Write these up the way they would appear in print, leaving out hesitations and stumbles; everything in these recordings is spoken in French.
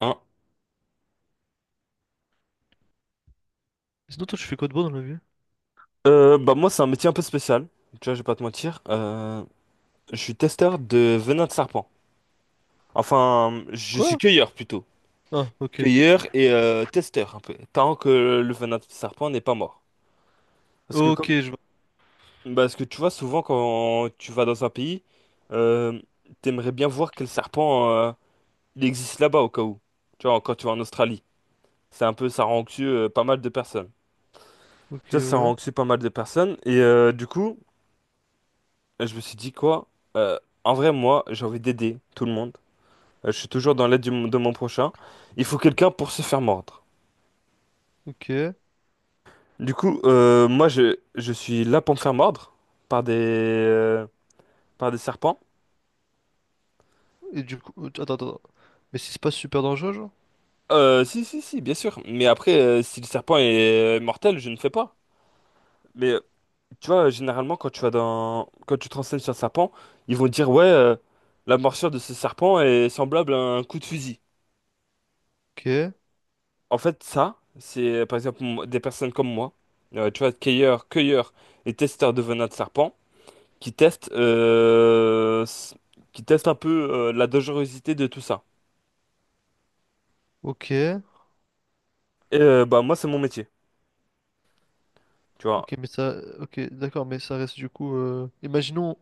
Hein. Sinon, toi, tu fais quoi de beau dans la vie? Bah moi c'est un métier un peu spécial, tu vois, je vais pas te mentir. Je suis testeur de venin de serpent. Enfin, je suis Quoi? cueilleur plutôt. Ah, ok. Cueilleur et testeur un peu. Tant que le venin de serpent n'est pas mort. Parce que Ok, comme je vois. bah, parce que tu vois souvent quand tu vas dans un pays, euh, t'aimerais bien voir quel serpent il existe là-bas au cas où. Tu vois, quand tu vas en Australie. C'est un peu ça rend anxieux pas mal de personnes. Ok, Tu vois, ça rend ouais. anxieux pas mal de personnes. Et euh, du coup, je me suis dit quoi? En vrai, moi, j'ai envie d'aider tout le monde. Je suis toujours dans l'aide de mon prochain. Il faut quelqu'un pour se faire mordre. Ok. Et Du coup, moi, je suis là pour me faire mordre par des, par des serpents. du coup, attends. Mais si c'est pas super dangereux, genre? Si, si, si, bien sûr. Mais après, si le serpent est mortel, je ne fais pas. Mais tu vois, généralement, quand tu te renseignes sur un serpent, ils vont dire, ouais, la morsure de ce serpent est semblable à un coup de fusil. Ok. En fait, ça, c'est par exemple des personnes comme moi, tu vois, cueilleurs et testeurs de venin de serpent, qui testent, qui testent un peu la dangerosité de tout ça. Ok. Et bah moi, c'est mon métier, tu vois. Ok, mais ça. Ok, d'accord, mais ça reste du coup. Imaginons.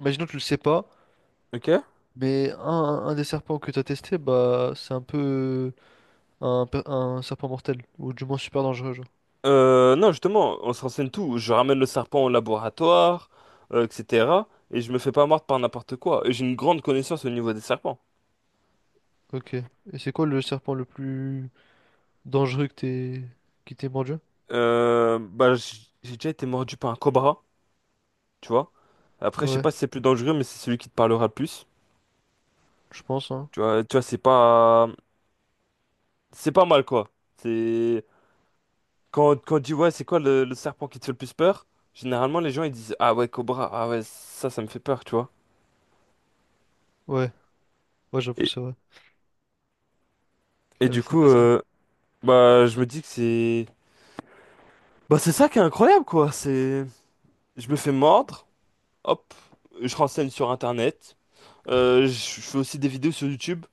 Imaginons que tu le sais pas, Ok? mais un des serpents que t'as testé, bah, c'est un peu un serpent mortel, ou du moins super dangereux, genre. Non, justement, on se renseigne tout. Je ramène le serpent au laboratoire, etc. Et je me fais pas mordre par n'importe quoi. Et J'ai une grande connaissance au niveau des serpents. Ok. Et c'est quoi le serpent le plus dangereux que t'es qui t'ait mordu? Bah, j'ai déjà été mordu par un cobra, tu vois. Après, je sais Ouais, pas si c'est plus dangereux, mais c'est celui qui te parlera le plus. je pense, hein. Tu vois, c'est pas mal quoi. C'est quand on dit ouais, c'est quoi le serpent qui te fait le plus peur? Généralement, les gens ils disent ah ouais, Cobra, ah ouais, ça me fait peur, tu vois. Ouais, ouais, j'avoue, Et, c'est vrai. et C'est du c'est coup, vrai ça. Bah je me dis que bah c'est ça qui est incroyable quoi. C'est, je me fais mordre, hop, je renseigne sur Internet. Euh, je fais aussi des vidéos sur YouTube.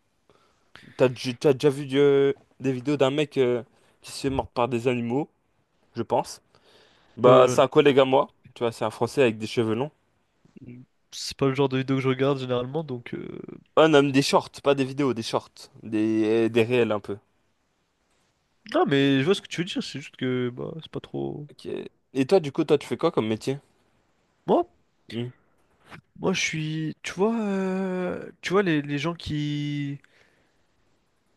T'as déjà vu des vidéos d'un mec qui se fait mordre par des animaux, je pense. Bah Euh, c'est un collègue à moi, tu vois, c'est un Français avec des cheveux longs. c'est pas le genre de vidéo que je regarde généralement, donc... Ouais, non, mais des shorts, pas des vidéos, des shorts, des réels un peu. Non, mais je vois ce que tu veux dire, c'est juste que bah, c'est pas trop... Ok. Et toi, du coup, toi, tu fais quoi comme métier? Moi, Hmm. moi, je suis... tu vois les gens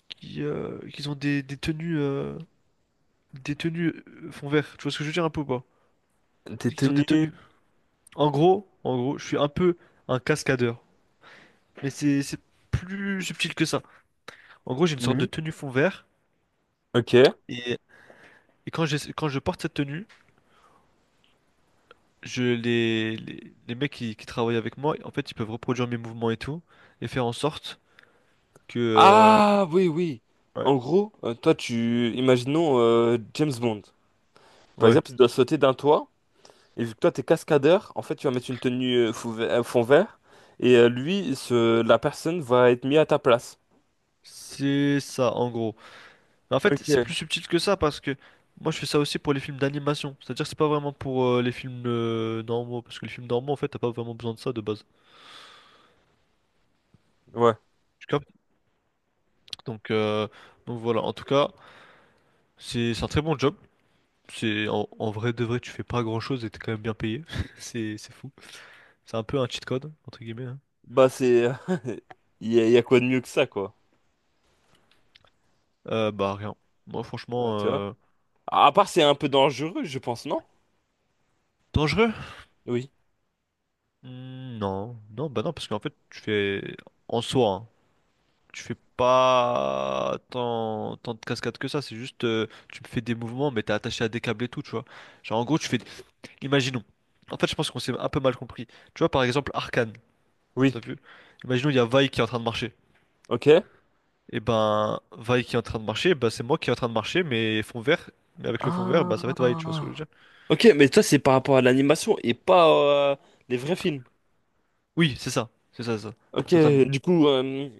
qui ont des tenues fond vert, tu vois ce que je veux dire un peu ou pas? T'es Qui ont des tenu. tenues... en gros, je suis un peu un cascadeur, mais c'est plus subtil que ça. En gros, j'ai une sorte de Mhm. tenue fond vert, Ok. et, et quand je porte cette tenue... je les mecs qui travaillent avec moi, en fait, ils peuvent reproduire mes mouvements et tout, et faire en sorte que... Ah, oui, oui. ouais, En gros, toi, tu... Imaginons James Bond. Par ouais, exemple, il doit sauter d'un toit, et vu que toi, t'es cascadeur, en fait, tu vas mettre une tenue fond vert, et lui, ce... la personne va être mise à ta place. c'est ça, en gros. Mais en fait, c'est plus Ok, subtil que ça, parce que moi, je fais ça aussi pour les films d'animation. C'est-à-dire que c'est pas vraiment pour les films normaux, parce que les films normaux, en fait, t'as pas vraiment besoin de ça de base. ouais. Tu captes? Donc, euh, donc voilà, en tout cas, c'est un très bon job. C'est en, en vrai de vrai, tu fais pas grand-chose et t'es quand même bien payé. C'est fou. C'est un peu un cheat code, entre guillemets, hein. Bah, c'est... il y a quoi de mieux que ça, quoi. Bah rien. Moi Ouais, franchement, tu vois? À part, c'est un peu dangereux, je pense, non? dangereux? Oui. Hmm, bah non, parce qu'en fait tu fais en soi, hein, tu fais pas tant de cascades que ça. C'est juste, tu fais des mouvements, mais t'es attaché à des câbles et tout, tu vois. Genre en gros tu fais, imaginons. En fait je pense qu'on s'est un peu mal compris. Tu vois par exemple Arcane, Oui. t'as vu? Imaginons il y a Vi qui est en train de marcher. Ok. Et ben Vi qui est en train de marcher, bah c'est moi qui est en train de marcher, mais fond vert, mais avec le fond vert, bah ça va être Vi, tu vois ce que je veux Ah. dire? Ok, mais toi, c'est par rapport à l'animation et pas euh, les vrais films. Oui, c'est ça, Ok, totalement. du coup, euh,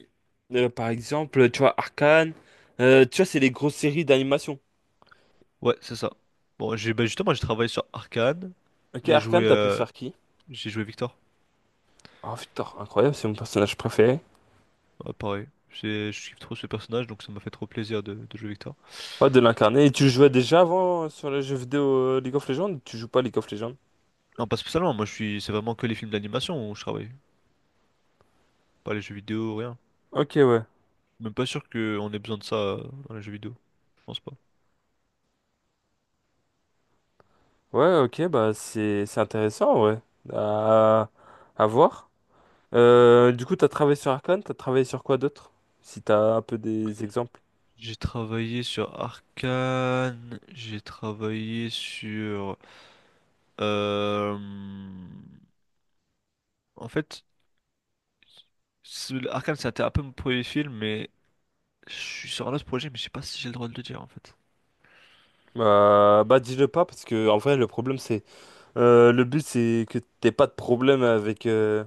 euh, par exemple, tu vois, Arcane, tu vois, c'est les grosses séries d'animation. Ouais, c'est ça. Bon, j'ai bah justement, j'ai travaillé sur Arcane. Ok, J'ai Arcane, joué, t'as pu euh, faire qui? j'ai joué Victor. Oh putain, incroyable, c'est mon personnage préféré. Ouais, pareil. C'est- Je kiffe trop ce personnage, donc ça m'a fait trop plaisir de jouer Victor. Ouais, de l'incarner. Et tu jouais déjà avant sur les jeux vidéo League of Legends? Ou Tu joues pas League of Legends? Non, pas spécialement. Moi, je suis, c'est vraiment que les films d'animation où je travaille, pas les jeux vidéo, rien. Ok, ouais. Même pas sûr qu'on ait besoin de ça dans les jeux vidéo. Je pense pas. Ouais, ok, bah c'est intéressant, ouais. À, à voir. Du coup, t'as travaillé sur Arcane, t'as travaillé sur quoi d'autre? Si t'as un peu des exemples. J'ai travaillé sur Arcane. J'ai travaillé sur. Euh, En fait, Arcane, c'était un peu mon premier film, mais je suis sur un autre projet, mais je sais pas si j'ai le droit de le dire en fait. Bah dis-le pas parce que en vrai le problème c'est le but c'est que t'aies pas de problème avec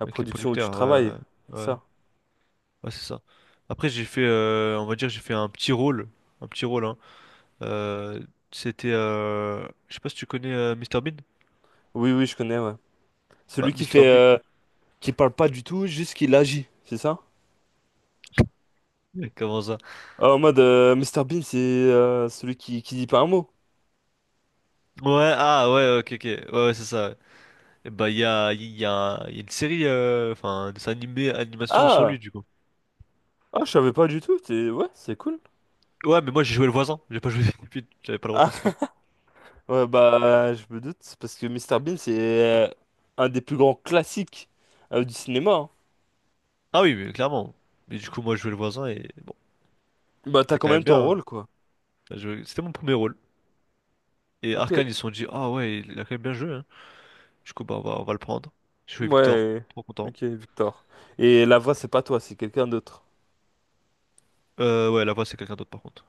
la Avec les production où tu producteurs, travailles. C'est ouais, ouais, ça? ouais, c'est ça. Après, j'ai fait, on va dire, j'ai fait un petit rôle, hein. Euh, c'était, je sais pas si tu connais Mr Bean. Oui oui je connais ouais. Bah, Celui qui Mr fait Bean, qui parle pas du tout, juste qu'il agit, c'est ça? comment ça? Ah, en mode Mr Bean c'est celui qui dit pas un mot. Ouais, ah ouais, ok, ok, ouais, ouais, c'est ça, ouais. Et bah, il y a une série, enfin, un dessin animé, animation sur Ah lui du coup. ah je savais pas du tout. C'est ouais c'est cool. Ouais, mais moi j'ai joué le voisin, j'ai pas joué j'avais pas le rôle principal. Ouais, Ok. bah, je me doute, c'est parce que Mister Bean, c'est un des plus grands classiques du cinéma, hein. Ah oui, mais clairement. Mais du coup, moi je jouais le voisin et bon, Bah, t'as c'était quand quand même même ton bien, hein. rôle, quoi. C'était mon premier rôle. Et Ok, Arkane, ils se sont dit, ah ouais, il a quand même bien joué, hein. Du coup, bah, on va le prendre. Je joué Victor, ouais, trop content. ok, Victor. Et la voix, c'est pas toi, c'est quelqu'un d'autre. Ouais, la voix, c'est quelqu'un d'autre, par contre.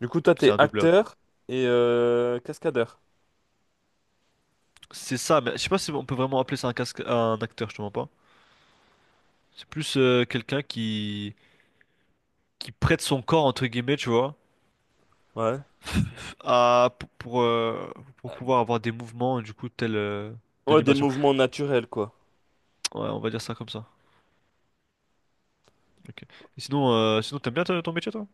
Du coup, toi, C'est t'es un doubleur. acteur et cascadeur. C'est ça, mais je sais pas si on peut vraiment appeler ça un casque, un acteur, je te mens pas. C'est plus quelqu'un qui prête son corps, entre guillemets, tu vois, Ouais. à, pour, pour, euh, pour pouvoir avoir des mouvements, du coup, tels Ouais, des d'animation. mouvements naturels, quoi. Ouais, on va dire ça comme ça. Ok. Et sinon, sinon ton métier, toi?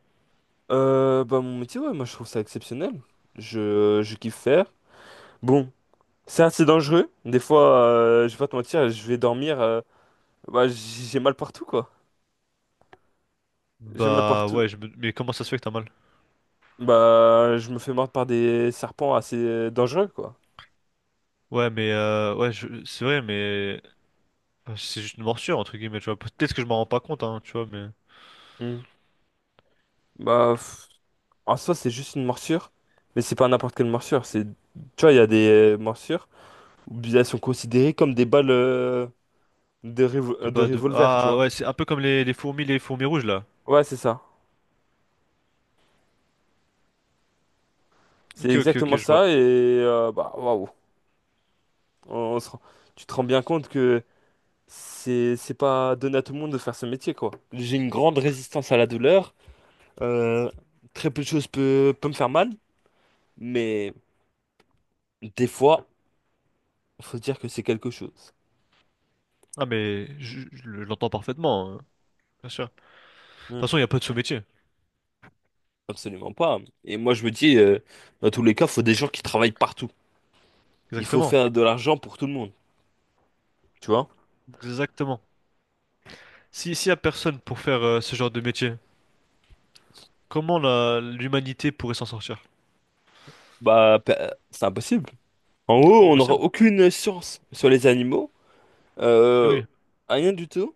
Bah, mon métier, ouais, moi, je trouve ça exceptionnel. Je kiffe faire. Bon, c'est assez dangereux. Des fois, je vais pas te mentir, je vais dormir, bah, j'ai mal partout, quoi. J'ai mal Bah partout. ouais, mais comment ça se fait que t'as mal? Bah, je me fais mordre par des serpents assez dangereux, quoi. Ouais, mais ouais, c'est vrai, mais enfin, c'est juste une morsure entre guillemets, tu vois. Peut-être que je m'en rends pas compte, hein, tu vois, mais Hmm. Bah, pff, en soi, c'est juste une morsure, mais c'est pas n'importe quelle morsure. C'est, tu vois, il y a des morsures où elles sont considérées comme des balles c'est de pas de... revolver, tu Ah ouais, vois. c'est un peu comme les fourmis rouges là. Ouais, c'est ça. C'est Ok, ok, ok, exactement je vois. ça, et bah, waouh. On, on se rend- Tu te rends bien compte que c'est pas donné à tout le monde de faire ce métier, quoi. J'ai une grande résistance à la douleur. euh, Très peu de choses peut me faire mal, mais. Des fois, faut se dire que c'est quelque chose. Ah mais je l'entends parfaitement, hein, bien sûr. De toute Hmm. façon, il y a pas de sous-métier. Absolument pas. Et moi, je me dis, dans tous les cas, faut des gens qui travaillent partout. Il faut Exactement, faire de l'argent pour tout le monde, tu vois? exactement. Si s'il y a personne pour faire ce genre de métier, comment la l'humanité pourrait s'en sortir? C'est impossible. En haut, C'est on n'aura impossible. aucune science sur les animaux, Eh euh, oui. rien du tout.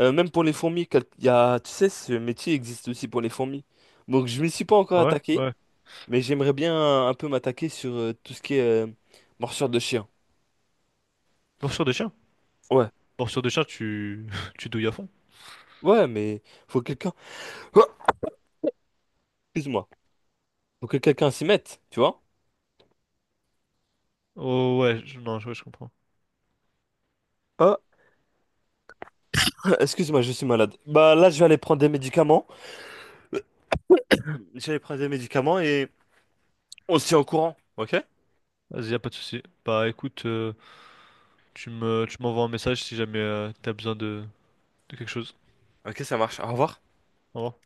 Même pour les fourmis, il y a, tu sais, ce métier existe aussi pour les fourmis. Donc, je m'y suis pas encore Ouais, attaqué, ouais. mais j'aimerais bien un peu m'attaquer sur tout ce qui est morsure de chien. Morsure de chien. Ouais, Morsure de chien, tu tu douilles à fond. ouais, mais faut quelqu'un. excuse-moi. Faut que quelqu'un s'y mette, tu vois? Oh ouais, je- non, je, ouais, je comprends. Ah, excuse-moi, je suis malade. Bah là, je vais aller prendre des médicaments. Je vais aller prendre des médicaments et on se tient au courant, ok? Vas-y, y a pas de souci. Bah écoute, tu m'envoies un message si jamais t'as besoin de quelque chose. Ok, ça marche. Au revoir. Au revoir.